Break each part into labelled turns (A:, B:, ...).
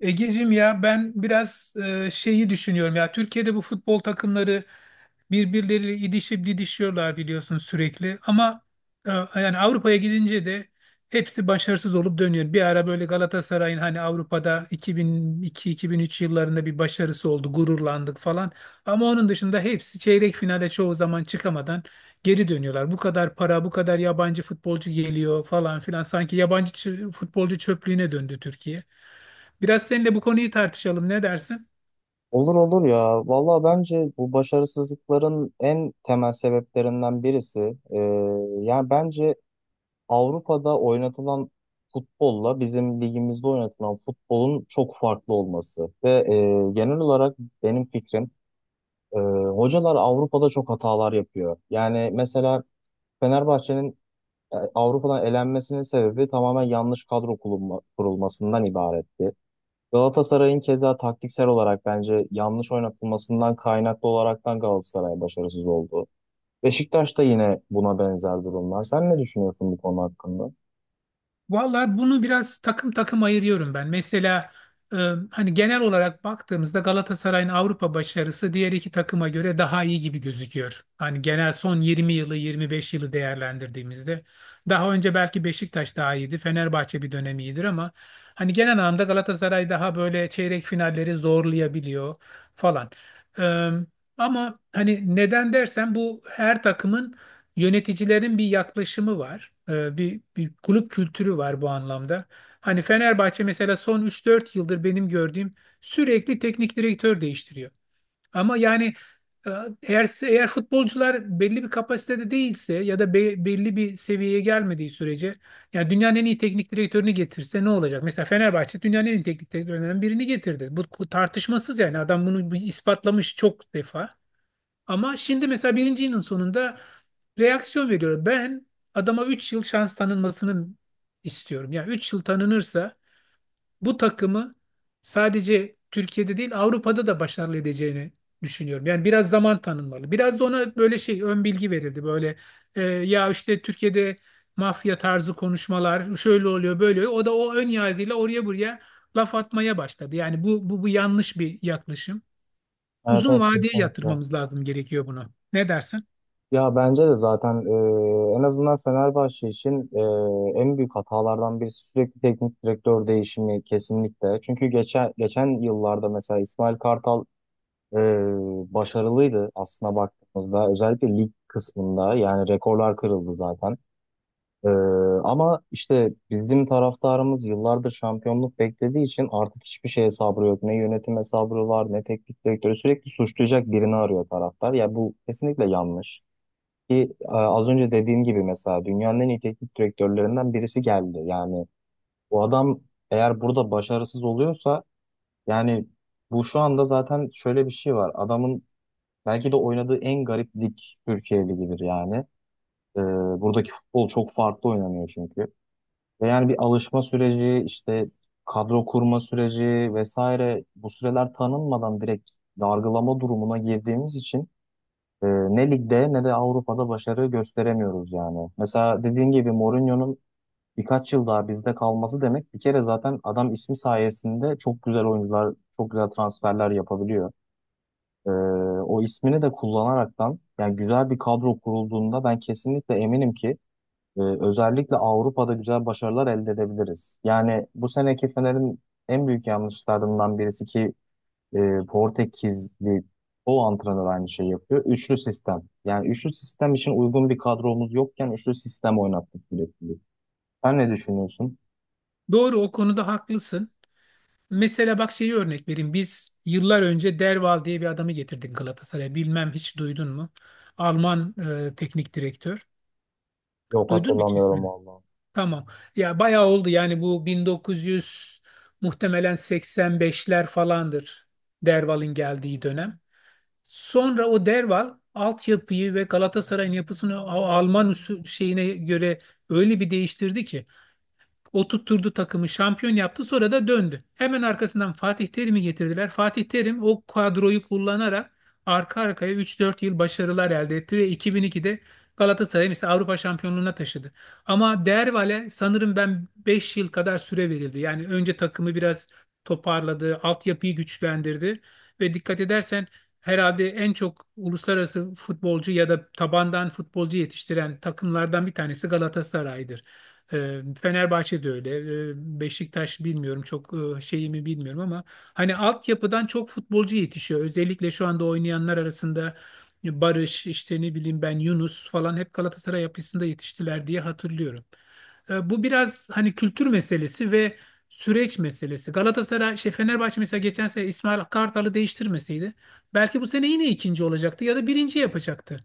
A: Egeciğim ya ben biraz şeyi düşünüyorum ya Türkiye'de bu futbol takımları birbirleriyle idişip didişiyorlar biliyorsun sürekli ama e, yani Avrupa'ya gidince de hepsi başarısız olup dönüyor. Bir ara böyle Galatasaray'ın hani Avrupa'da 2002-2003 yıllarında bir başarısı oldu, gururlandık falan, ama onun dışında hepsi çeyrek finale çoğu zaman çıkamadan geri dönüyorlar. Bu kadar para, bu kadar yabancı futbolcu geliyor falan filan, sanki yabancı futbolcu çöplüğüne döndü Türkiye. Biraz seninle bu konuyu tartışalım. Ne dersin?
B: Olur olur ya. Valla bence bu başarısızlıkların en temel sebeplerinden birisi. e, Yani bence Avrupa'da oynatılan futbolla bizim ligimizde oynatılan futbolun çok farklı olması. Ve genel olarak benim fikrim, e, hocalar Avrupa'da çok hatalar yapıyor. Yani mesela Fenerbahçe'nin Avrupa'dan elenmesinin sebebi tamamen yanlış kurulmasından ibaretti. Galatasaray'ın keza taktiksel olarak bence yanlış oynatılmasından kaynaklı olaraktan Galatasaray başarısız oldu. Beşiktaş da yine buna benzer durumlar. Sen ne düşünüyorsun bu konu hakkında?
A: Vallahi bunu biraz takım takım ayırıyorum ben. Mesela e, hani genel olarak baktığımızda Galatasaray'ın Avrupa başarısı diğer iki takıma göre daha iyi gibi gözüküyor. Hani genel son 20 yılı, 25 yılı değerlendirdiğimizde daha önce belki Beşiktaş daha iyiydi, Fenerbahçe bir dönem iyidir, ama hani genel anlamda Galatasaray daha böyle çeyrek finalleri zorlayabiliyor falan. E, ama hani neden dersen, bu her takımın yöneticilerin bir yaklaşımı var, bir kulüp kültürü var bu anlamda. Hani Fenerbahçe mesela son 3-4 yıldır benim gördüğüm sürekli teknik direktör değiştiriyor. Ama yani e, eğer futbolcular belli bir kapasitede değilse ya da belli bir seviyeye gelmediği sürece ya dünyanın en iyi teknik direktörünü getirse ne olacak? Mesela Fenerbahçe dünyanın en iyi teknik direktörlerinden birini getirdi. Bu tartışmasız yani, adam bunu ispatlamış çok defa. Ama şimdi mesela birinci yılın sonunda reaksiyon veriyor. Ben adama 3 yıl şans tanınmasını istiyorum. Yani 3 yıl tanınırsa bu takımı sadece Türkiye'de değil Avrupa'da da başarılı edeceğini düşünüyorum. Yani biraz zaman tanınmalı. Biraz da ona böyle şey ön bilgi verildi. Böyle ya işte Türkiye'de mafya tarzı konuşmalar şöyle oluyor, böyle oluyor. O da o ön yargıyla oraya buraya laf atmaya başladı. Yani bu yanlış bir yaklaşım.
B: Evet
A: Uzun
B: evet
A: vadeye
B: kesinlikle.
A: yatırmamız lazım gerekiyor bunu. Ne dersin?
B: Ya bence de zaten, en azından Fenerbahçe için, en büyük hatalardan birisi sürekli teknik direktör değişimi kesinlikle. Çünkü geçen yıllarda mesela İsmail Kartal e, başarılıydı aslında baktığımızda. Özellikle lig kısmında yani rekorlar kırıldı zaten. Ee, Ama işte bizim taraftarımız yıllardır şampiyonluk beklediği için artık hiçbir şeye sabrı yok. Ne yönetime sabrı var, ne teknik direktörü, sürekli suçlayacak birini arıyor taraftar. Ya bu kesinlikle yanlış. Ki az önce dediğim gibi mesela dünyanın en iyi teknik direktörlerinden birisi geldi. Yani bu adam eğer burada başarısız oluyorsa, yani bu şu anda zaten şöyle bir şey var. Adamın belki de oynadığı en garip lig Türkiye Ligi'dir yani. Ee, Buradaki futbol çok farklı oynanıyor çünkü. Ve yani bir alışma süreci, işte kadro kurma süreci vesaire, bu süreler tanınmadan direkt dargılama durumuna girdiğimiz için ne ligde ne de Avrupa'da başarı gösteremiyoruz yani. Mesela dediğin gibi Mourinho'nun birkaç yıl daha bizde kalması demek, bir kere zaten adam ismi sayesinde çok güzel oyuncular, çok güzel transferler yapabiliyor. E, O ismini de kullanaraktan, yani güzel bir kadro kurulduğunda ben kesinlikle eminim ki özellikle Avrupa'da güzel başarılar elde edebiliriz. Yani bu seneki Fener'in en büyük yanlışlarından birisi ki e, Portekizli o antrenör aynı şeyi yapıyor. Üçlü sistem. Yani üçlü sistem için uygun bir kadromuz yokken üçlü sistem oynattık sürekli. Sen ne düşünüyorsun?
A: Doğru, o konuda haklısın. Mesela bak, şeyi örnek vereyim. Biz yıllar önce Derval diye bir adamı getirdik Galatasaray'a. Bilmem hiç duydun mu? Alman teknik direktör.
B: Yok,
A: Duydun mu hiç
B: hatırlamıyorum
A: ismini?
B: vallahi.
A: Tamam. Ya bayağı oldu yani, bu 1900 muhtemelen 85'ler falandır Derval'in geldiği dönem. Sonra o Derval altyapıyı ve Galatasaray'ın yapısını o Alman usul şeyine göre öyle bir değiştirdi ki oturtturdu takımı, şampiyon yaptı, sonra da döndü. Hemen arkasından Fatih Terim'i getirdiler. Fatih Terim o kadroyu kullanarak arka arkaya 3-4 yıl başarılar elde etti ve 2002'de Galatasaray'ı mesela Avrupa şampiyonluğuna taşıdı. Ama Dervale sanırım ben 5 yıl kadar süre verildi. Yani önce takımı biraz toparladı, altyapıyı güçlendirdi ve dikkat edersen herhalde en çok uluslararası futbolcu ya da tabandan futbolcu yetiştiren takımlardan bir tanesi Galatasaray'dır. Fenerbahçe de öyle. Beşiktaş bilmiyorum çok, şeyimi bilmiyorum, ama hani altyapıdan çok futbolcu yetişiyor. Özellikle şu anda oynayanlar arasında Barış, işte ne bileyim ben Yunus falan hep Galatasaray yapısında yetiştiler diye hatırlıyorum. Bu biraz hani kültür meselesi ve süreç meselesi. Galatasaray, Fenerbahçe mesela geçen sene İsmail Kartal'ı değiştirmeseydi belki bu sene yine ikinci olacaktı ya da birinci yapacaktı.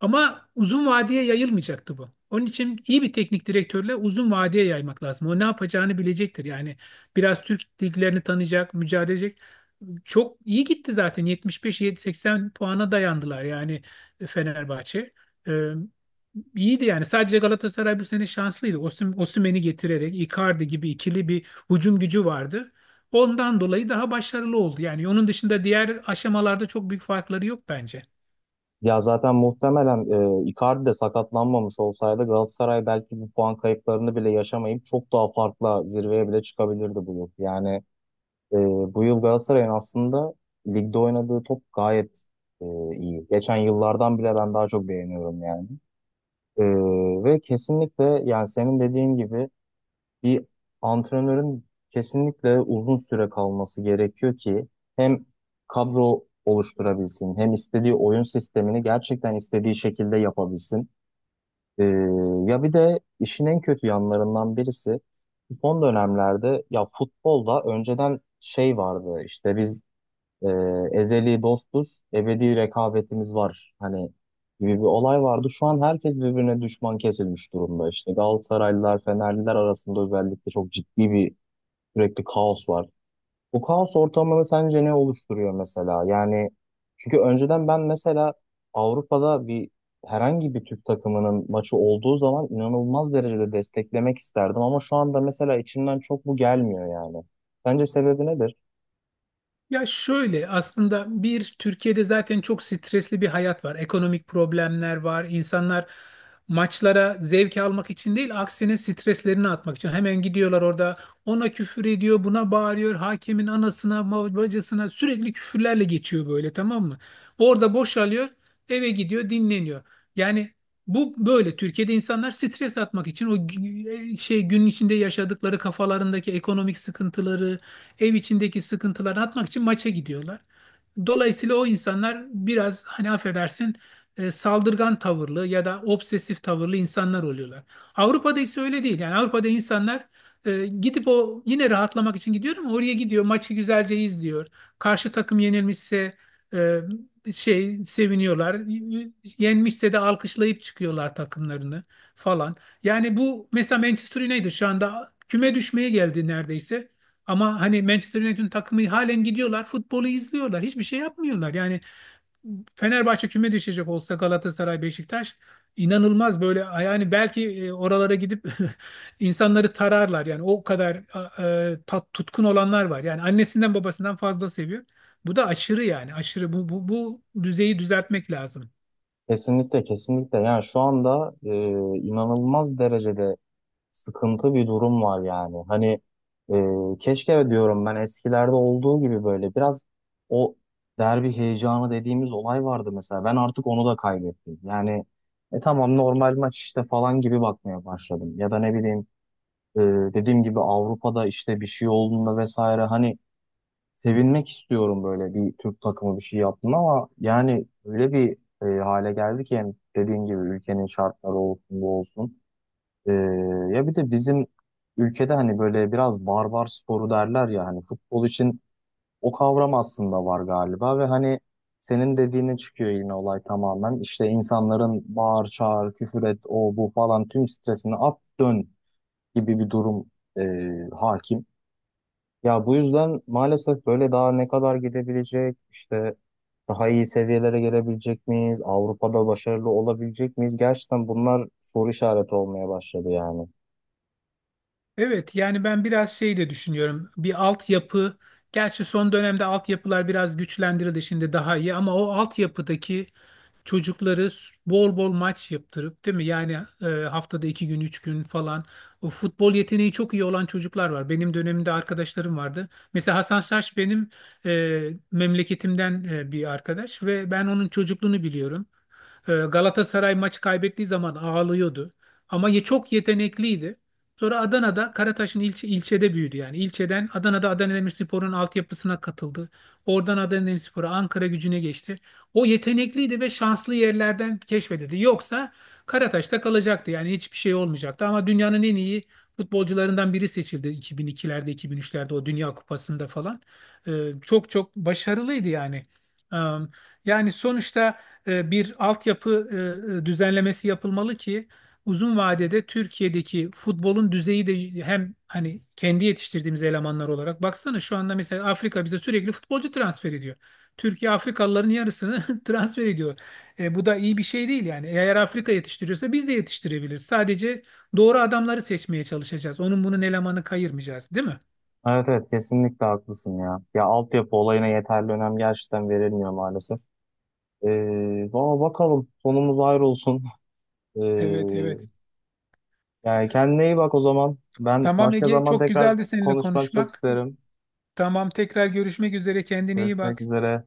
A: Ama uzun vadeye yayılmayacaktı bu. Onun için iyi bir teknik direktörle uzun vadeye yaymak lazım. O ne yapacağını bilecektir. Yani biraz Türk liglerini tanıyacak, mücadele edecek. Çok iyi gitti zaten. 75-80 puana dayandılar yani, Fenerbahçe. Ee, iyiydi yani. Sadece Galatasaray bu sene şanslıydı. Osimhen'i getirerek Icardi gibi ikili bir hücum gücü vardı. Ondan dolayı daha başarılı oldu. Yani onun dışında diğer aşamalarda çok büyük farkları yok bence.
B: Ya zaten muhtemelen Icardi de sakatlanmamış olsaydı Galatasaray belki bu puan kayıplarını bile yaşamayıp çok daha farklı zirveye bile çıkabilirdi bu yıl. Yani Ee, bu yıl Galatasaray'ın aslında ligde oynadığı top gayet e, iyi. Geçen yıllardan bile ben daha çok beğeniyorum yani. Ee, Ve kesinlikle yani senin dediğin gibi bir antrenörün kesinlikle uzun süre kalması gerekiyor ki hem kadro oluşturabilsin hem istediği oyun sistemini gerçekten istediği şekilde yapabilsin. Ee, Ya bir de işin en kötü yanlarından birisi, son dönemlerde ya futbolda önceden şey vardı işte biz, e, ezeli dostuz, ebedi rekabetimiz var hani gibi bir olay vardı. Şu an herkes birbirine düşman kesilmiş durumda. İşte Galatasaraylılar, Fenerliler arasında özellikle çok ciddi bir sürekli kaos var. Bu kaos ortamını sence ne oluşturuyor mesela? Yani çünkü önceden ben mesela Avrupa'da bir herhangi bir Türk takımının maçı olduğu zaman inanılmaz derecede desteklemek isterdim, ama şu anda mesela içimden çok bu gelmiyor yani. Sence sebebi nedir?
A: Ya şöyle, aslında bir Türkiye'de zaten çok stresli bir hayat var. Ekonomik problemler var. İnsanlar maçlara zevk almak için değil, aksine streslerini atmak için hemen gidiyorlar orada. Ona küfür ediyor, buna bağırıyor. Hakemin anasına, bacısına sürekli küfürlerle geçiyor böyle, tamam mı? Orada boşalıyor, eve gidiyor, dinleniyor. Yani bu böyle Türkiye'de insanlar stres atmak için o gün içinde yaşadıkları kafalarındaki ekonomik sıkıntıları, ev içindeki sıkıntılarını atmak için maça gidiyorlar. Dolayısıyla o insanlar biraz, hani affedersin, saldırgan tavırlı ya da obsesif tavırlı insanlar oluyorlar. Avrupa'da ise öyle değil. Yani Avrupa'da insanlar gidip o yine rahatlamak için gidiyor, ama oraya gidiyor, maçı güzelce izliyor. Karşı takım yenilmişse e, seviniyorlar. Yenmişse de alkışlayıp çıkıyorlar takımlarını falan. Yani bu mesela Manchester United şu anda küme düşmeye geldi neredeyse. Ama hani Manchester United'ın takımı halen gidiyorlar, futbolu izliyorlar, hiçbir şey yapmıyorlar. Yani Fenerbahçe küme düşecek olsa Galatasaray, Beşiktaş inanılmaz böyle yani, belki oralara gidip insanları tararlar. Yani o kadar tutkun olanlar var. Yani annesinden babasından fazla seviyor. Bu da aşırı, yani aşırı bu düzeyi düzeltmek lazım.
B: Kesinlikle kesinlikle, yani şu anda inanılmaz derecede sıkıntı bir durum var yani, hani keşke diyorum ben eskilerde olduğu gibi böyle biraz o derbi heyecanı dediğimiz olay vardı mesela, ben artık onu da kaybettim yani. Tamam, normal maç işte falan gibi bakmaya başladım, ya da ne bileyim, e, dediğim gibi Avrupa'da işte bir şey olduğunda vesaire, hani sevinmek istiyorum böyle bir Türk takımı bir şey yaptın, ama yani öyle bir hale geldi ki, yani dediğin gibi ülkenin şartları olsun bu olsun. E, Ya bir de bizim ülkede hani böyle biraz barbar sporu derler ya hani futbol için, o kavram aslında var galiba ve hani senin dediğine çıkıyor yine olay tamamen. İşte insanların bağır çağır küfür et o bu falan tüm stresini at dön gibi bir durum e, hakim. Ya bu yüzden maalesef böyle daha ne kadar gidebilecek, işte daha iyi seviyelere gelebilecek miyiz, Avrupa'da başarılı olabilecek miyiz? Gerçekten bunlar soru işareti olmaya başladı yani.
A: Evet yani ben biraz şey de düşünüyorum. Bir altyapı. Gerçi son dönemde altyapılar biraz güçlendirildi, şimdi daha iyi, ama o altyapıdaki çocukları bol bol maç yaptırıp, değil mi? Yani haftada 2 gün, 3 gün falan. O futbol yeteneği çok iyi olan çocuklar var. Benim dönemimde arkadaşlarım vardı. Mesela Hasan Saç benim e, memleketimden bir arkadaş ve ben onun çocukluğunu biliyorum. Galatasaray maçı kaybettiği zaman ağlıyordu. Ama çok yetenekliydi. Sonra Adana'da Karataş'ın ilçede büyüdü yani. İlçeden Adana'da Adana Demirspor'un altyapısına katıldı. Oradan Adana Demirspor'a Ankara Gücü'ne geçti. O yetenekliydi ve şanslı yerlerden keşfedildi. Yoksa Karataş'ta kalacaktı yani, hiçbir şey olmayacaktı. Ama dünyanın en iyi futbolcularından biri seçildi 2002'lerde, 2003'lerde o Dünya Kupası'nda falan. Ee, çok çok başarılıydı yani. Ee, yani sonuçta bir altyapı düzenlemesi yapılmalı ki uzun vadede Türkiye'deki futbolun düzeyi de, hem hani kendi yetiştirdiğimiz elemanlar olarak, baksana şu anda mesela Afrika bize sürekli futbolcu transfer ediyor. Türkiye Afrikalıların yarısını transfer ediyor. Bu da iyi bir şey değil yani. Eğer Afrika yetiştiriyorsa biz de yetiştirebiliriz. Sadece doğru adamları seçmeye çalışacağız. Onun bunun elemanı kayırmayacağız, değil mi?
B: Evet evet kesinlikle haklısın ya. Ya altyapı olayına yeterli önem gerçekten verilmiyor maalesef. Valla bakalım sonumuz ayrı olsun. Ee,
A: Evet, evet.
B: Yani kendine iyi bak o zaman. Ben
A: Tamam
B: başka
A: Ege,
B: zaman
A: çok
B: tekrar
A: güzeldi seninle
B: konuşmak çok
A: konuşmak.
B: isterim.
A: Tamam, tekrar görüşmek üzere. Kendine iyi
B: Görüşmek
A: bak.
B: üzere.